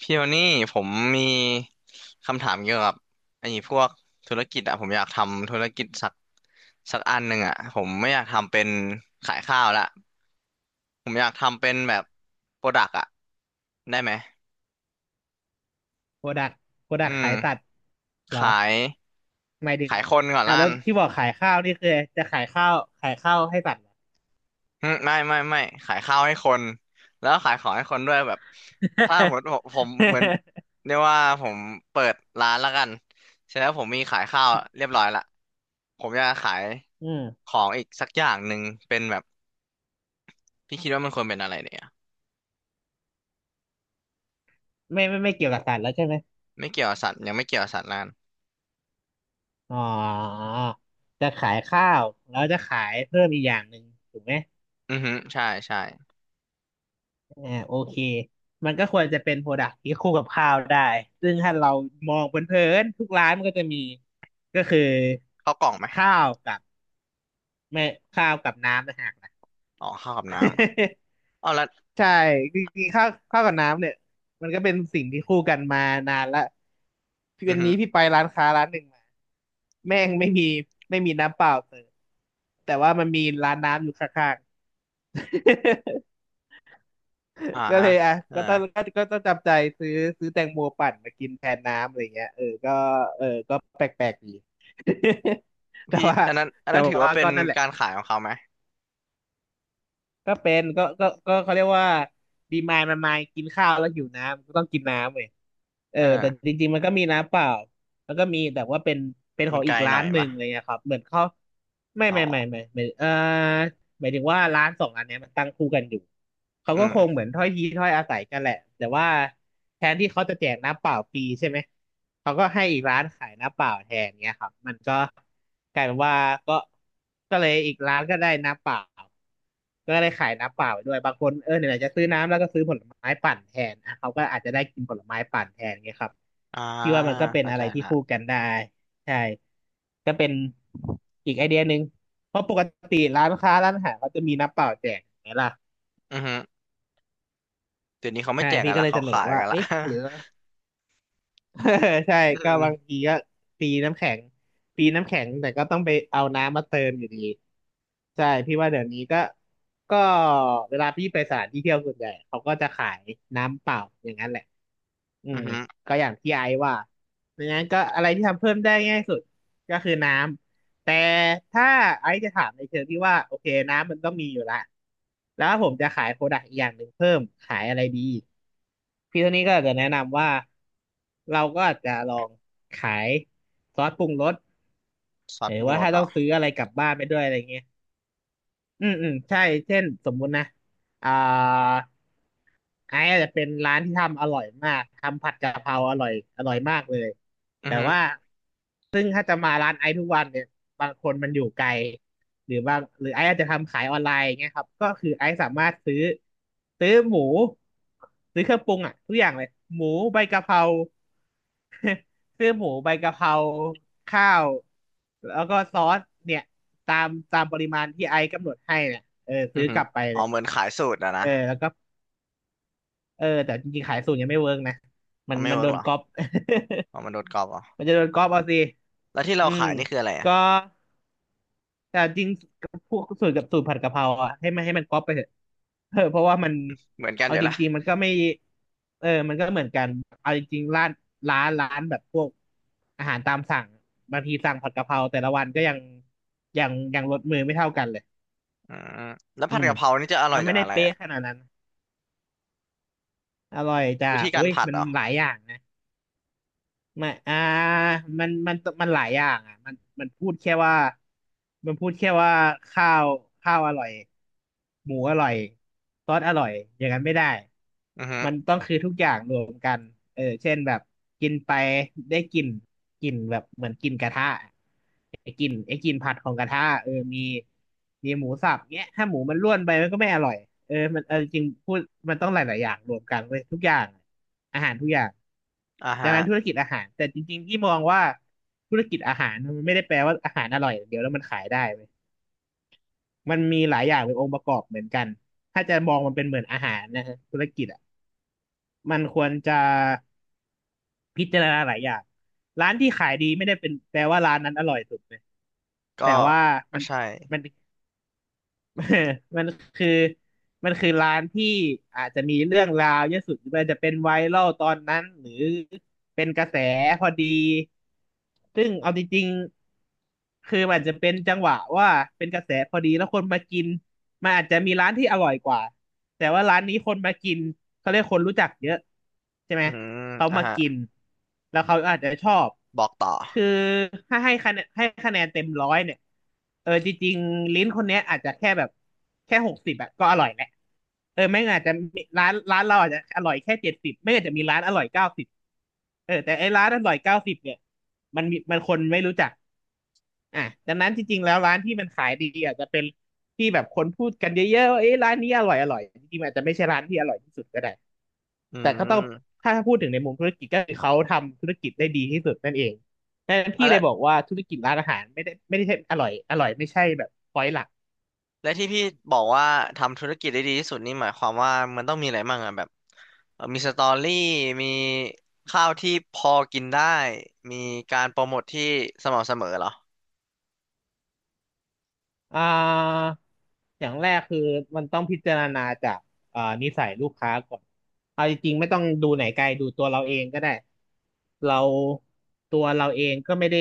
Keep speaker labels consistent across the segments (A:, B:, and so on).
A: พี่วนนี่ผมมีคำถามเกี่ยวกับไอ้พวกธุรกิจอะผมอยากทำธุรกิจสักอันหนึ่งอะผมไม่อยากทำเป็นขายข้าวละผมอยากทำเป็นแบบโปรดักอะได้ไหม
B: โปรดักโปรดั
A: อื
B: กขายสัต
A: ม
B: ว์เห
A: ข
B: รอ
A: าย
B: หมายถึง
A: คนก่อน
B: อ่ะ
A: ล้า
B: แล้
A: น
B: วที่บอกขายข้าวนี่คือจะขายข้าวให้สัตว์เหรอ
A: อืมไม่ขายข้าวให้คนแล้วก็ขายของให้คนด้วยแบบถ้าหมดผม ผมเหมือนเรียกว่าผมเปิดร้านแล้วกันเสร็จแล้วผมมีขายข้าวเรียบร้อยละผมจะขาย
B: อื
A: ข
B: ม
A: องอีกสักอย่างหนึ่งเป็นแบบพี่คิดว่ามันควรเป็นอะไรเนี่ย
B: ไม่เกี่ยวกับสัตว์แล้วใช่ไหม
A: ไม่เกี่ยวกับสัตว์ยังไม่เกี่ยวกับสัตว์แล้วกัน
B: อ๋อจะขายข้าวแล้วจะขายเพิ่มอีกอย่างหนึ่งถูกไหม
A: อือฮึใช่ใช่
B: อ่าโอเคมันก็ควรจะเป็นโปรดักที่คู่กับข้าวได้ซึ่งถ้าเรามองเพลินๆทุกร้านมันก็จะมีก็คือ
A: ข้าวกล่องไหม
B: ข้าวกับไม่ข้าวกับน้ำนะฮะ
A: อ๋อข้าวกับน้ ำอ๋อเอาละ
B: ใช่จริงๆข้าวกับน้ำเนี่ยมันก็เป็นสิ่งที่คู่กันมานานละพี่
A: อื
B: วั
A: อ
B: น
A: ฮึ
B: นี้พี่ไปร้านค้าร้านหนึ่งมาแม่งไม่มีไม่มีน้ำเปล่าเสิร์ฟแต่ว่ามันมีร้านน้ำอยู่ข้างๆ
A: อ่า
B: ก็เลยอ่ะ
A: เออ
B: ก็ต้องก็ต้องจำใจซื้อซื้อแตงโมปั่นมากินแทนน้ำอะไรเงี้ยเออก็เออก็แปลกๆดี แต่
A: พี่
B: ว่า
A: อันนั้นอัน
B: แต่
A: นั้นถือ
B: ว่า
A: ว่าเป็
B: ก็
A: น
B: นั่นแหละ
A: การขายของเขาไหม
B: ก็เป็นก็ก็เขาเรียกว่าดีมายมันมากินข้าวแล้วหิวน้ำก็ต้องกินน้ำเลย เออ
A: เออ
B: แต่จริงๆมันก็มีน้ำเปล่าแล้วก็มีแต่ว่าเป็นเป็นข
A: มั
B: อ
A: น
B: ง
A: ไก
B: อี
A: ล
B: ก
A: ห
B: ร้า
A: น่อ
B: น
A: ย
B: หนึ่ง
A: ปะ
B: อะไรเลยนยครับเหมือนเขาไม่
A: อ๋อ
B: ไม่ไม่ไม่ไม่เออ หมายถึงว่าร้านสองอันเนี้ยมันตั้งคู่กันอยู่เขา
A: อื
B: ก็คง
A: ม
B: เหมือนถ้อยทีถ้อยอาศัยกันแหละแต่ว่าแทนที่เขาจะแจกน้ำเปล่าฟรีใช่ไหมเขาก็ให้อีกร้านขายน้ำเปล่าแทนเนี้ยครับมันก็กลายเป็นว่าก็ก็เลยอีกร้านก็ได้น้ำเปล่าก็ได้ขายน้ำเปล่าไปด้วยบางคนเออไหนๆจะซื้อน้ำแล้วก็ซื้อผลไม้ปั่นแทนอ่ะเขาก็อาจจะได้กินผลไม้ปั่นแทนเงี้ยครับ
A: อ่า
B: พี่ว่ามันก็เป็น
A: เข้า
B: อะ
A: ใจ
B: ไรที่
A: ละ
B: คู่กันได้ ใช่ก็เป็นอีกไอเดียหนึ่งเพราะปกติร้านค้าร้านอาหารเขาจะมีน้ำเปล่าแจกไหมล่ะ
A: อือฮึเดี๋ยวนี้เขาไม่
B: ใช่
A: แจก
B: พี่
A: กัน
B: ก็
A: ละ
B: เลย
A: เขา
B: เสนอ
A: ขาย
B: ว่า
A: กันละ
B: เอ๊ะหรือ ใช่
A: อื
B: ก็
A: ม
B: บางทีก็ปีน้ำแข็งปีน้ำแข็งแต่ก็ต้องไปเอาน้ำมาเติมอยู่ดีใช่พี่ว่าเดี๋ยวนี้ก็เวลาพี่ไปสถานที่เที่ยวส่วนใหญ่เขาก็จะขายน้ำเปล่าอย่างนั้นแหละอื
A: อื
B: ม
A: อฮึ
B: ก็อย่างที่ไอซ์ว่าดังนั้นก็อะไรที่ทำเพิ่มได้ง่ายสุดก็คือน้ำ แต่ถ้าไอซ์จะถามในเชิงที่ว่าโอเคน้ำมันต้องมีอยู่ละแล้วผมจะขายโปรดักต์อีกอย่างหนึ่งเพิ่มขายอะไรดีพี่โทนี่ก็อาจจะแนะนำว่าเราก็อาจจะลองขายซอสปรุงรส
A: ซอ
B: ห
A: ส
B: รือ
A: ปรุง
B: ว่า
A: รส
B: ถ้า
A: เหร
B: ต้อ
A: อ
B: งซื้ออะไรกลับบ้านไปด้วยอะไรเงี้ยอืมใช่เช่นสมมุตินะอ่า ไอ้อาจจะเป็นร้านที่ทำอร่อยมากทำผัดกะเพราอร่อยอร่อยมากเลย
A: อือ
B: แต่
A: ฮึ
B: ว่าซึ่งถ้าจะมาร้านไอ้ทุกวันเนี่ยบางคนมันอยู่ไกลหรือว่าหรือไอ้อาจจะทำขายออนไลน์อย่างเงี้ยครับก็คือไอ้สามารถซื้อซื้อหมูซื้อเครื่องปรุงอ่ะทุกอย่างเลยหมูใบกะเพราซื้อหมูใบกะเพราข้าวแล้วก็ซอสเนี่ยตามปริมาณที่ไอ้กำหนดให้เนี่ยเออ
A: อื
B: ซื้
A: อ
B: อ
A: ฮึ
B: กลับไป
A: อ๋
B: เล
A: อ
B: ย
A: เหมือนขายสูตรอะ
B: เอ
A: นะ
B: อแล้วก็ เออแต่จริงๆขายสูตรยังไม่เวิร์กนะมั
A: มั
B: น
A: นไม่
B: มัน
A: เวิร์
B: โด
A: กเห
B: น
A: รอ
B: ก๊อป
A: อ๋อมันโดนกรอบเหรอ
B: มันจะโดนก๊อปเอาสิ
A: แล้วที่เรา
B: อืม
A: ขายนี่คืออะไรอะ
B: ก็แต่จริงพวกสูตรกับสูตรผัดกะเพราอ่ะให้มันก๊อปไปเถอะ เออเพราะว่ามัน
A: เหมือนกันอ
B: เอา
A: ยู่
B: จ
A: ละ
B: ริงๆมันก็ไม่เออมันก็เหมือนกันเอาจริงๆร้านร้านแบบพวกอาหารตามสั่งบางทีสั่งผัดกะเพราแต่ละวันก็ยังยังรสมือไม่เท่ากันเลย
A: อืมแล้ว
B: อื
A: ผัด
B: ม
A: กะเพรานี่จะอร่อ
B: มั
A: ย
B: นไม่
A: จาก
B: ได้
A: อะไร
B: เป๊ะ
A: อะ
B: ขนาดนั้นอร่อยจ้ะ
A: วิธีการ
B: อุ้ย
A: ผัด
B: มั
A: เห
B: น
A: รอ
B: หลายอย่างนะ ไม่อ่ามันหลายอย่างอ่ะมันมันพูดแค่ว่ามันพูดแค่ว่าข้าวข้าวอร่อย หมูอร่อย ซอสอร่อย อย่างนั้นไม่ได้
A: อือฮึ
B: มันต้องคือทุกอย่างรวมเออเช่นแบบกินไปได้กลิ่นกลิ่นแบบเหมือนกลิ่นกระทะ ไอ้กลิ่นผัดของกระทะเออมีหมูสับเนี้ยถ้าหมูมันร่วนไปมันก็ไม่อร่อยเออมันเออจริงพูดมันต้องหลายๆอย่างรวมกันเลยทุกอย่างอาหารทุกอย่าง
A: อ่า
B: ดัง
A: ฮะ
B: นั้นธุรกิจอาหารแต่จริงๆที่มองว่าธุรกิจอาหารมันไม่ได้แปลว่าอาหารอร่อยอย่างเดียวแล้วมันขายได้เว้ยมันมีหลายอย่างเป็นองค์ประกอบเหมือนกันถ้าจะมองมันเป็นเหมือนอาหารนะฮะธุรกิจอ่ะมันควรจะพิจารณาหลายอย่างร้านที่ขายดีไม่ได้เป็นแปลว่าร้านนั้นอร่อยสุดเลย
A: ก็
B: แต่ว่า
A: ก็
B: มัน
A: ใช่
B: มัน เอมันอมันคือร้านที่อาจจะมีเรื่องราวเยอะสุดหรือว่าจะเป็นไวรัลตอนนั้นหรือเป็นกระแสพอดีซึ่งเอาจริงๆคือมันจะเป็นจังหวะว่าเป็นกระแสพอดีแล้วคนมากินมันอาจจะมีร้านที่อร่อยกว่าแต่ว่าร้านนี้คนมากินเขาเรียกคนรู้จักเยอะใช่ไหม
A: อืม
B: เขา
A: อ่า
B: มา
A: ฮะ
B: กินแล้วเขาอาจจะชอบ
A: บอกต่อ
B: คือถ้าให้คะแนนเต็ม 100เนี่ยเออจริงๆลิ้นคนเนี้ยอาจจะแค่แบบแค่60อะก็อร่อยแหละเออไม่งั้นอาจจะมีร้านเราอาจจะอร่อยแค่70ไม่งั้นอาจจะมีร้านอร่อยเก้าสิบเออแต่ไอ้ร้านอร่อยเก้าสิบเนี่ยมันคนไม่รู้จักอ่ะดังนั้นจริงๆแล้วร้านที่มันขายดีอาจจะเป็นที่แบบคนพูดกันเยอะๆว่าเอ้ยร้านนี้อร่อยอร่อยจริงๆมันอาจจะไม่ใช่ร้านที่อร่อยที่สุดก็ได้
A: อื
B: แต่ก็ต้อง
A: ม
B: ถ้าพูดถึงในมุมธุรกิจก็คือเขาทำธุรกิจได้ดีที่สุดนั่นเองดังนั้น
A: อ่ะ
B: พี่เล
A: แล้
B: ย
A: ว
B: บอกว่าธุรกิจร้านอาหารไม่ได้ใช่อร่อยอร่อยไม่ใช่แบบพอยต์หลัก
A: และที่พี่บอกว่าทำธุรกิจได้ดีที่สุดนี่หมายความว่ามันต้องมีอะไรบ้างอะแบบมีสตอรี่มีข้าวที่พอกินได้มีการโปรโมทที่สม่ำเสมอเหรอ
B: อ่าอย่างแรกคือมันต้องพิจารณาจากนิสัยลูกค้าก่อนเอาจริงๆไม่ต้องดูไหนไกลดูตัวเราเองก็ได้เราตัวเราเองก็ไม่ได้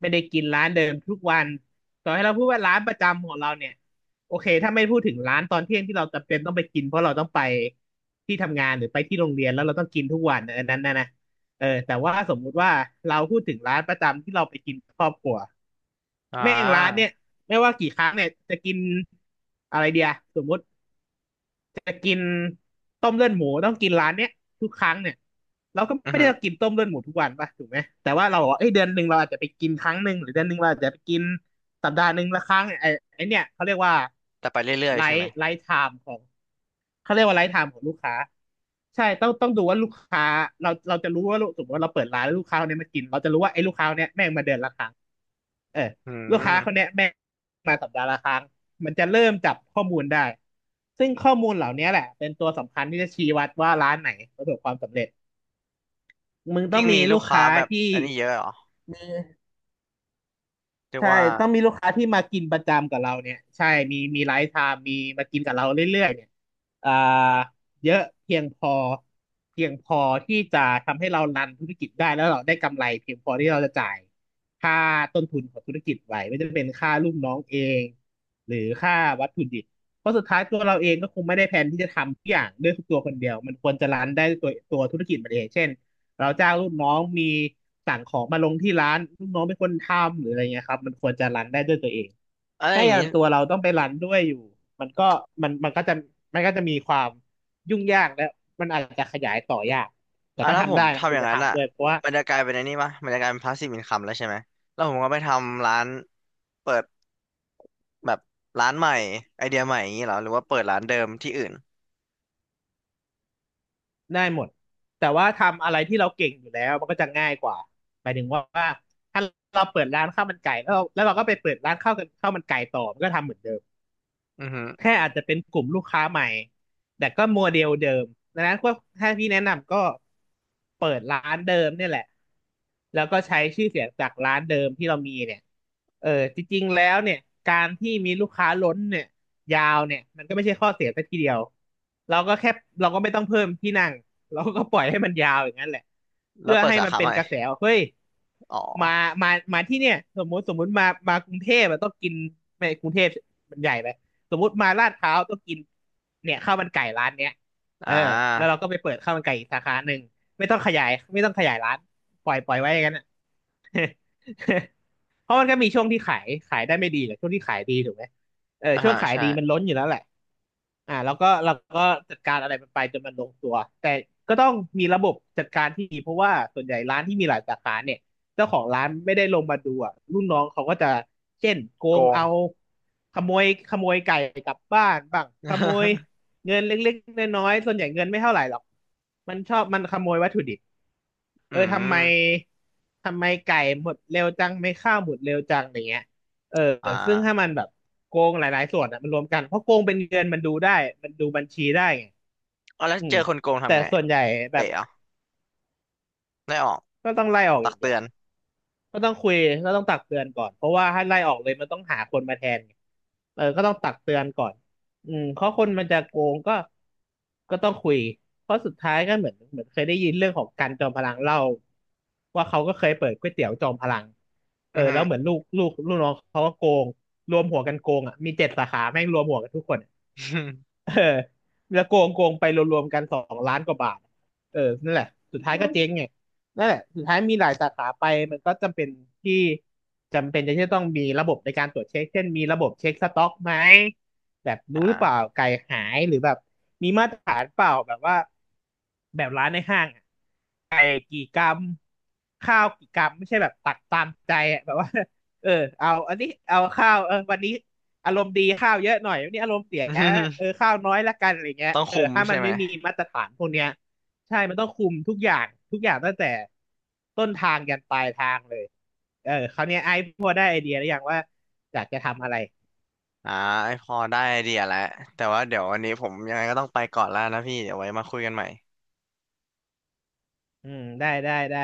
B: ไม่ได้กินร้านเดิมทุกวันต่อให้เราพูดว่าร้านประจำของเราเนี่ยโอเคถ้าไม่พูดถึงร้านตอนเที่ยงที่เราจำเป็นต้องไปกินเพราะเราต้องไปที่ทำงานหรือไปที่โรงเรียนแล้วเราต้องกินทุกวันอันนั้นนะนะเออแต่ว่าสมมุติว่าเราพูดถึงร้านประจำที่เราไปกินกับครอบครัว
A: อ่
B: แม่งร้านเนี่ย
A: า
B: ไม่ว่ากี่ครั้งเนี่ยจะกินอะไรเดียสมมติจะกินต้มเลือดหมูต้องกินร้านเนี้ยทุกครั้งเนี่ยเราก็
A: อือ
B: ไม่ได้
A: ฮึ
B: กินต้มเลือดหมูทุกวันป่ะถูกไหมแต่ว่าเราบอกว่าเอ้ยเดือนหนึ่งเราอาจจะไปกินครั้งหนึ่งหรือเดือนหนึ่งเราอาจจะไปกินสัปดาห์หนึ่งละครั้งเนี่ยไอ้เนี่ยเขาเรียกว่า
A: แต่ไปเรื่อย
B: ไล
A: ๆใช่ไหม
B: ฟ์ไลฟ์ไทม์ของเขาเรียกว่าไลฟ์ไทม์ของลูกค้าใช่ต้องดูว่าลูกค้าเราจะรู้ว่าลูกสมมติว่าเราเปิดร้านแล้วลูกค้าคนเนี้ยมากินเราจะรู้ว่าไอ้ลูกค้าคนเนี้ยแม่งมาเดือนละครั้ง เออ
A: อื
B: ลูกค้า
A: ม
B: คนเขาแนี้ยแม่มาสัปดาห์ละครั้งมันจะเริ่มจับข้อมูลได้ซึ่งข้อมูลเหล่านี้แหละเป็นตัวสำคัญที่จะชี้วัดว่าร้านไหนประสบความสำเร็จมึงต้อ
A: ยิ่
B: ง
A: ง
B: มี
A: มีลู
B: ลู
A: ก
B: ก
A: ค้า
B: ค้า
A: แบบ
B: ที่
A: อันนี้เยอะเหรอเรียก
B: ใช่
A: ว่า
B: ต้องมีลูกค้าที่มากินประจำกับเราเนี่ยใช่มีไลฟ์ไทม์มีมากินกับเราเรื่อยๆเนี่ยอ่าเยอะเพียงพอเพียงพอที่จะทำให้เรารันธุรกิจได้แล้วเราได้กำไรเพียงพอที่เราจะจ่ายค่าต้นทุนของธุรกิจไหวไม่ว่าจะเป็นค่าลูกน้องเองหรือค่าวัตถุดิบเพราะสุดท้ายตัวเราเองก็คงไม่ได้แผนที่จะทำทุกอย่างด้วยทุกตัวคนเดียวมันควรจะรันได้ด้วยตัวธุรกิจมันเองเช่น เราจ้างลูกน้องมีสั่งของมาลงที่ร้านลูกน้องเป็นคนทำหรืออะไรเงี้ยครับมันควรจะรันได้ด้วยตัวเอง
A: อะไรอ
B: ถ้า
A: ย่า
B: อ
A: ง
B: ย่าง
A: งี้
B: ตัวเราต้องไปรันด้วยอยู่มันก็มันมันก็จะมันก็จะมีความยุ่งยากและมันอาจจะขยายต่อยากแต่
A: อ่ะ
B: ก็
A: ถ้าผ
B: ทำ
A: ม
B: ได้นะมัน
A: ทำ
B: ค
A: อ
B: วร
A: ย่าง
B: จะ
A: นั้นอะ
B: ทำด้วยเพราะว่า
A: มันจะกลายเป็นอันนี้ปะมันจะกลายเป็นพาสซีฟอินคัมแล้วใช่ไหมแล้วผมก็ไปทำร้านเปิดแบบร้านใหม่ไอเดียใหม่อย่างงี้เหรอหรือว่าเปิดร้านเดิมที่อื่น
B: ได้หมดแต่ว่าทำอะไรที่เราเก่งอยู่แล้วมันก็จะง่ายกว่าหมายถึงว่าถ้าเราเปิดร้านข้าวมันไก่แล้วเราก็ไปเปิดร้านข้าวกันข้าวมันไก่ต่อมันก็ทำเหมือนเดิม
A: อือฮึ
B: แค่อาจจะเป็นกลุ่มลูกค้าใหม่แต่ก็โมเดลเดิมดังนั้นก็ถ้าพี่แนะนำก็เปิดร้านเดิมเนี่ยแหละ แล้วก็ใช้ชื่อเสียงจากร้านเดิมที่เรามีเนี่ยเออจริงๆ แล้วเนี่ย การที่มีลูกค้าล้นเนี่ยยาวเนี่ยมันก็ไม่ใช่ข้อเสียซะทีเดียวเราก็แค่เราก็ไม่ต้องเพิ่มที่นั่งเราก็ปล่อยให้มันยาวอย่างนั้นแหละ
A: แล้ว
B: เพื่อ
A: เปิด
B: ให้
A: สา
B: มัน
A: ขา
B: เป็
A: ให
B: น
A: ม่
B: กระแสว่าเฮ้ย
A: อ๋อ
B: มามาที่เนี่ยสมมุติมากรุงเทพอะต้องกินไม่กรุงเทพมันใหญ่ไป สมมติมาลาดพร้าวต้องกินเนี่ยข้าวมันไก่ร้านเนี้ยเอ
A: อ่
B: อแล้วเรา
A: า
B: ก็ไปเปิดข้าวมันไก่อีกสาขาหนึ่งไม่ต้องขยายไม่ต้องขยายร้านปล่อยไว้อย่างนั้นอ่ะ เพราะมันก็มีช่วงที่ขายได้ไม่ดีแหละช่วงที่ขายดีถูกไหมเออ
A: อ่า
B: ช่วง
A: ฮะ
B: ขาย
A: ใช่
B: ดีมันล้นอยู่แล้วแหละอ่าแล้วก็เราก็จัดการอะไรมันไปจนมันลงตัวแต่ก็ต้องมีระบบจัดการที่ดีเพราะว่าส่วนใหญ่ร้านที่มีหลายสาขาเนี่ย เจ้าของร้านไม่ได้ลงมาดูอ่ะรุ่นน้องเขาก็จะเช่นโก
A: โก
B: ง
A: ง
B: เอาขโมยไก่กลับบ้านบ้างขโมย เงินเล็กๆน้อยๆส่วนใหญ่เงินไม่เท่าไหร่หรอกมันชอบขโมยวัตถุดิบ
A: อื
B: เออทำไม
A: ม
B: ไก่หมดเร็วจังไม่ข้าวหมดเร็วจังอย่างเงี้ยเออ
A: อ่
B: ซึ่งถ้า
A: า
B: มันแบบโกงหลายๆส่วนอ่ะมันรวมกันเพราะโกงเป็นเงินมันดูได้มันดูบัญชีได้ไง
A: เอาแล้ว
B: อืม
A: เจอคนโกง
B: แต่
A: ทำไง
B: ส่
A: อะ
B: วนใหญ่แบ
A: เตะ
B: บ
A: เหรอได้ออก
B: ก็ต้องไล่ออกอ
A: ตัก
B: ย่างเดี
A: เตื
B: ยว
A: อน
B: ก็ต้องคุยก็ต้องตักเตือนก่อนเพราะว่าถ้าไล่ออกเลยมันต้องหาคนมาแทนไงเออก็ต้องตักเตือนก่อนอืมเพราะคนมันจะโกงก็ต้องคุยเพราะสุดท้ายก็เหมือนเคยได้ยินเรื่องของการจอมพลังเล่าว่าเขาก็เคยเปิดก๋วยเตี๋ยวจอมพลังเอ
A: อื
B: อ
A: อฮึ
B: แล้วเหมือนลูกน้องเขาก็โกงรวมหัวกันโกงอ่ะมี7 สาขาแม่งรวมหัวกันทุกคน เออแล้วโกงไปรวมๆกัน2 ล้านกว่าบาทเออนั่นแหละสุดท้ายก็เจ๊งไงนั่นแหละสุดท้ายมีหลายสาขาไปมันก็จำเป็นที่จำเป็นจะที่ต้องมีระบบในการตรวจเช็คเช่นมีระบบเช็คสต็อกไหม แบบรู้ห
A: อ่า
B: รือเปล่าไก่หายหรือแบบมีมาตรฐานเปล่าแบบว่าแบบร้านในห้างอะ ข้าวกี่กรัมไม่ใช่แบบตักตามใจอะแบบว่า เออเอาอันนี้เอาข้าวเออวันนี้อารมณ์ดีข้าวเยอะหน่อยวันนี้อารมณ์เสียเออข้าวน้อยละกันอะไรเงี้ ย
A: ต้อง
B: เออ
A: คุม
B: ถ้ามั
A: ใช่
B: น
A: ไหม
B: ไม่มีมาตรฐานพวกเนี้ยใช่มันต้องคุมทุกอย่างทุกอย่างตั้งแต่ต้นทางยันปลายทางเลยเออคราวเนี้ยไอ้พอได้ไอเดียหรือยังว่าอยากจะทำอะไร
A: อ่าพอได้ไอเดียแล้ว แต่ว่าเดี๋ยววันนี้ผมยังไงก็ต้องไปก่อนแล้วนะพี่ เดี๋ยวไว้มาคุยกันใหม่
B: อืมได้ได้ได้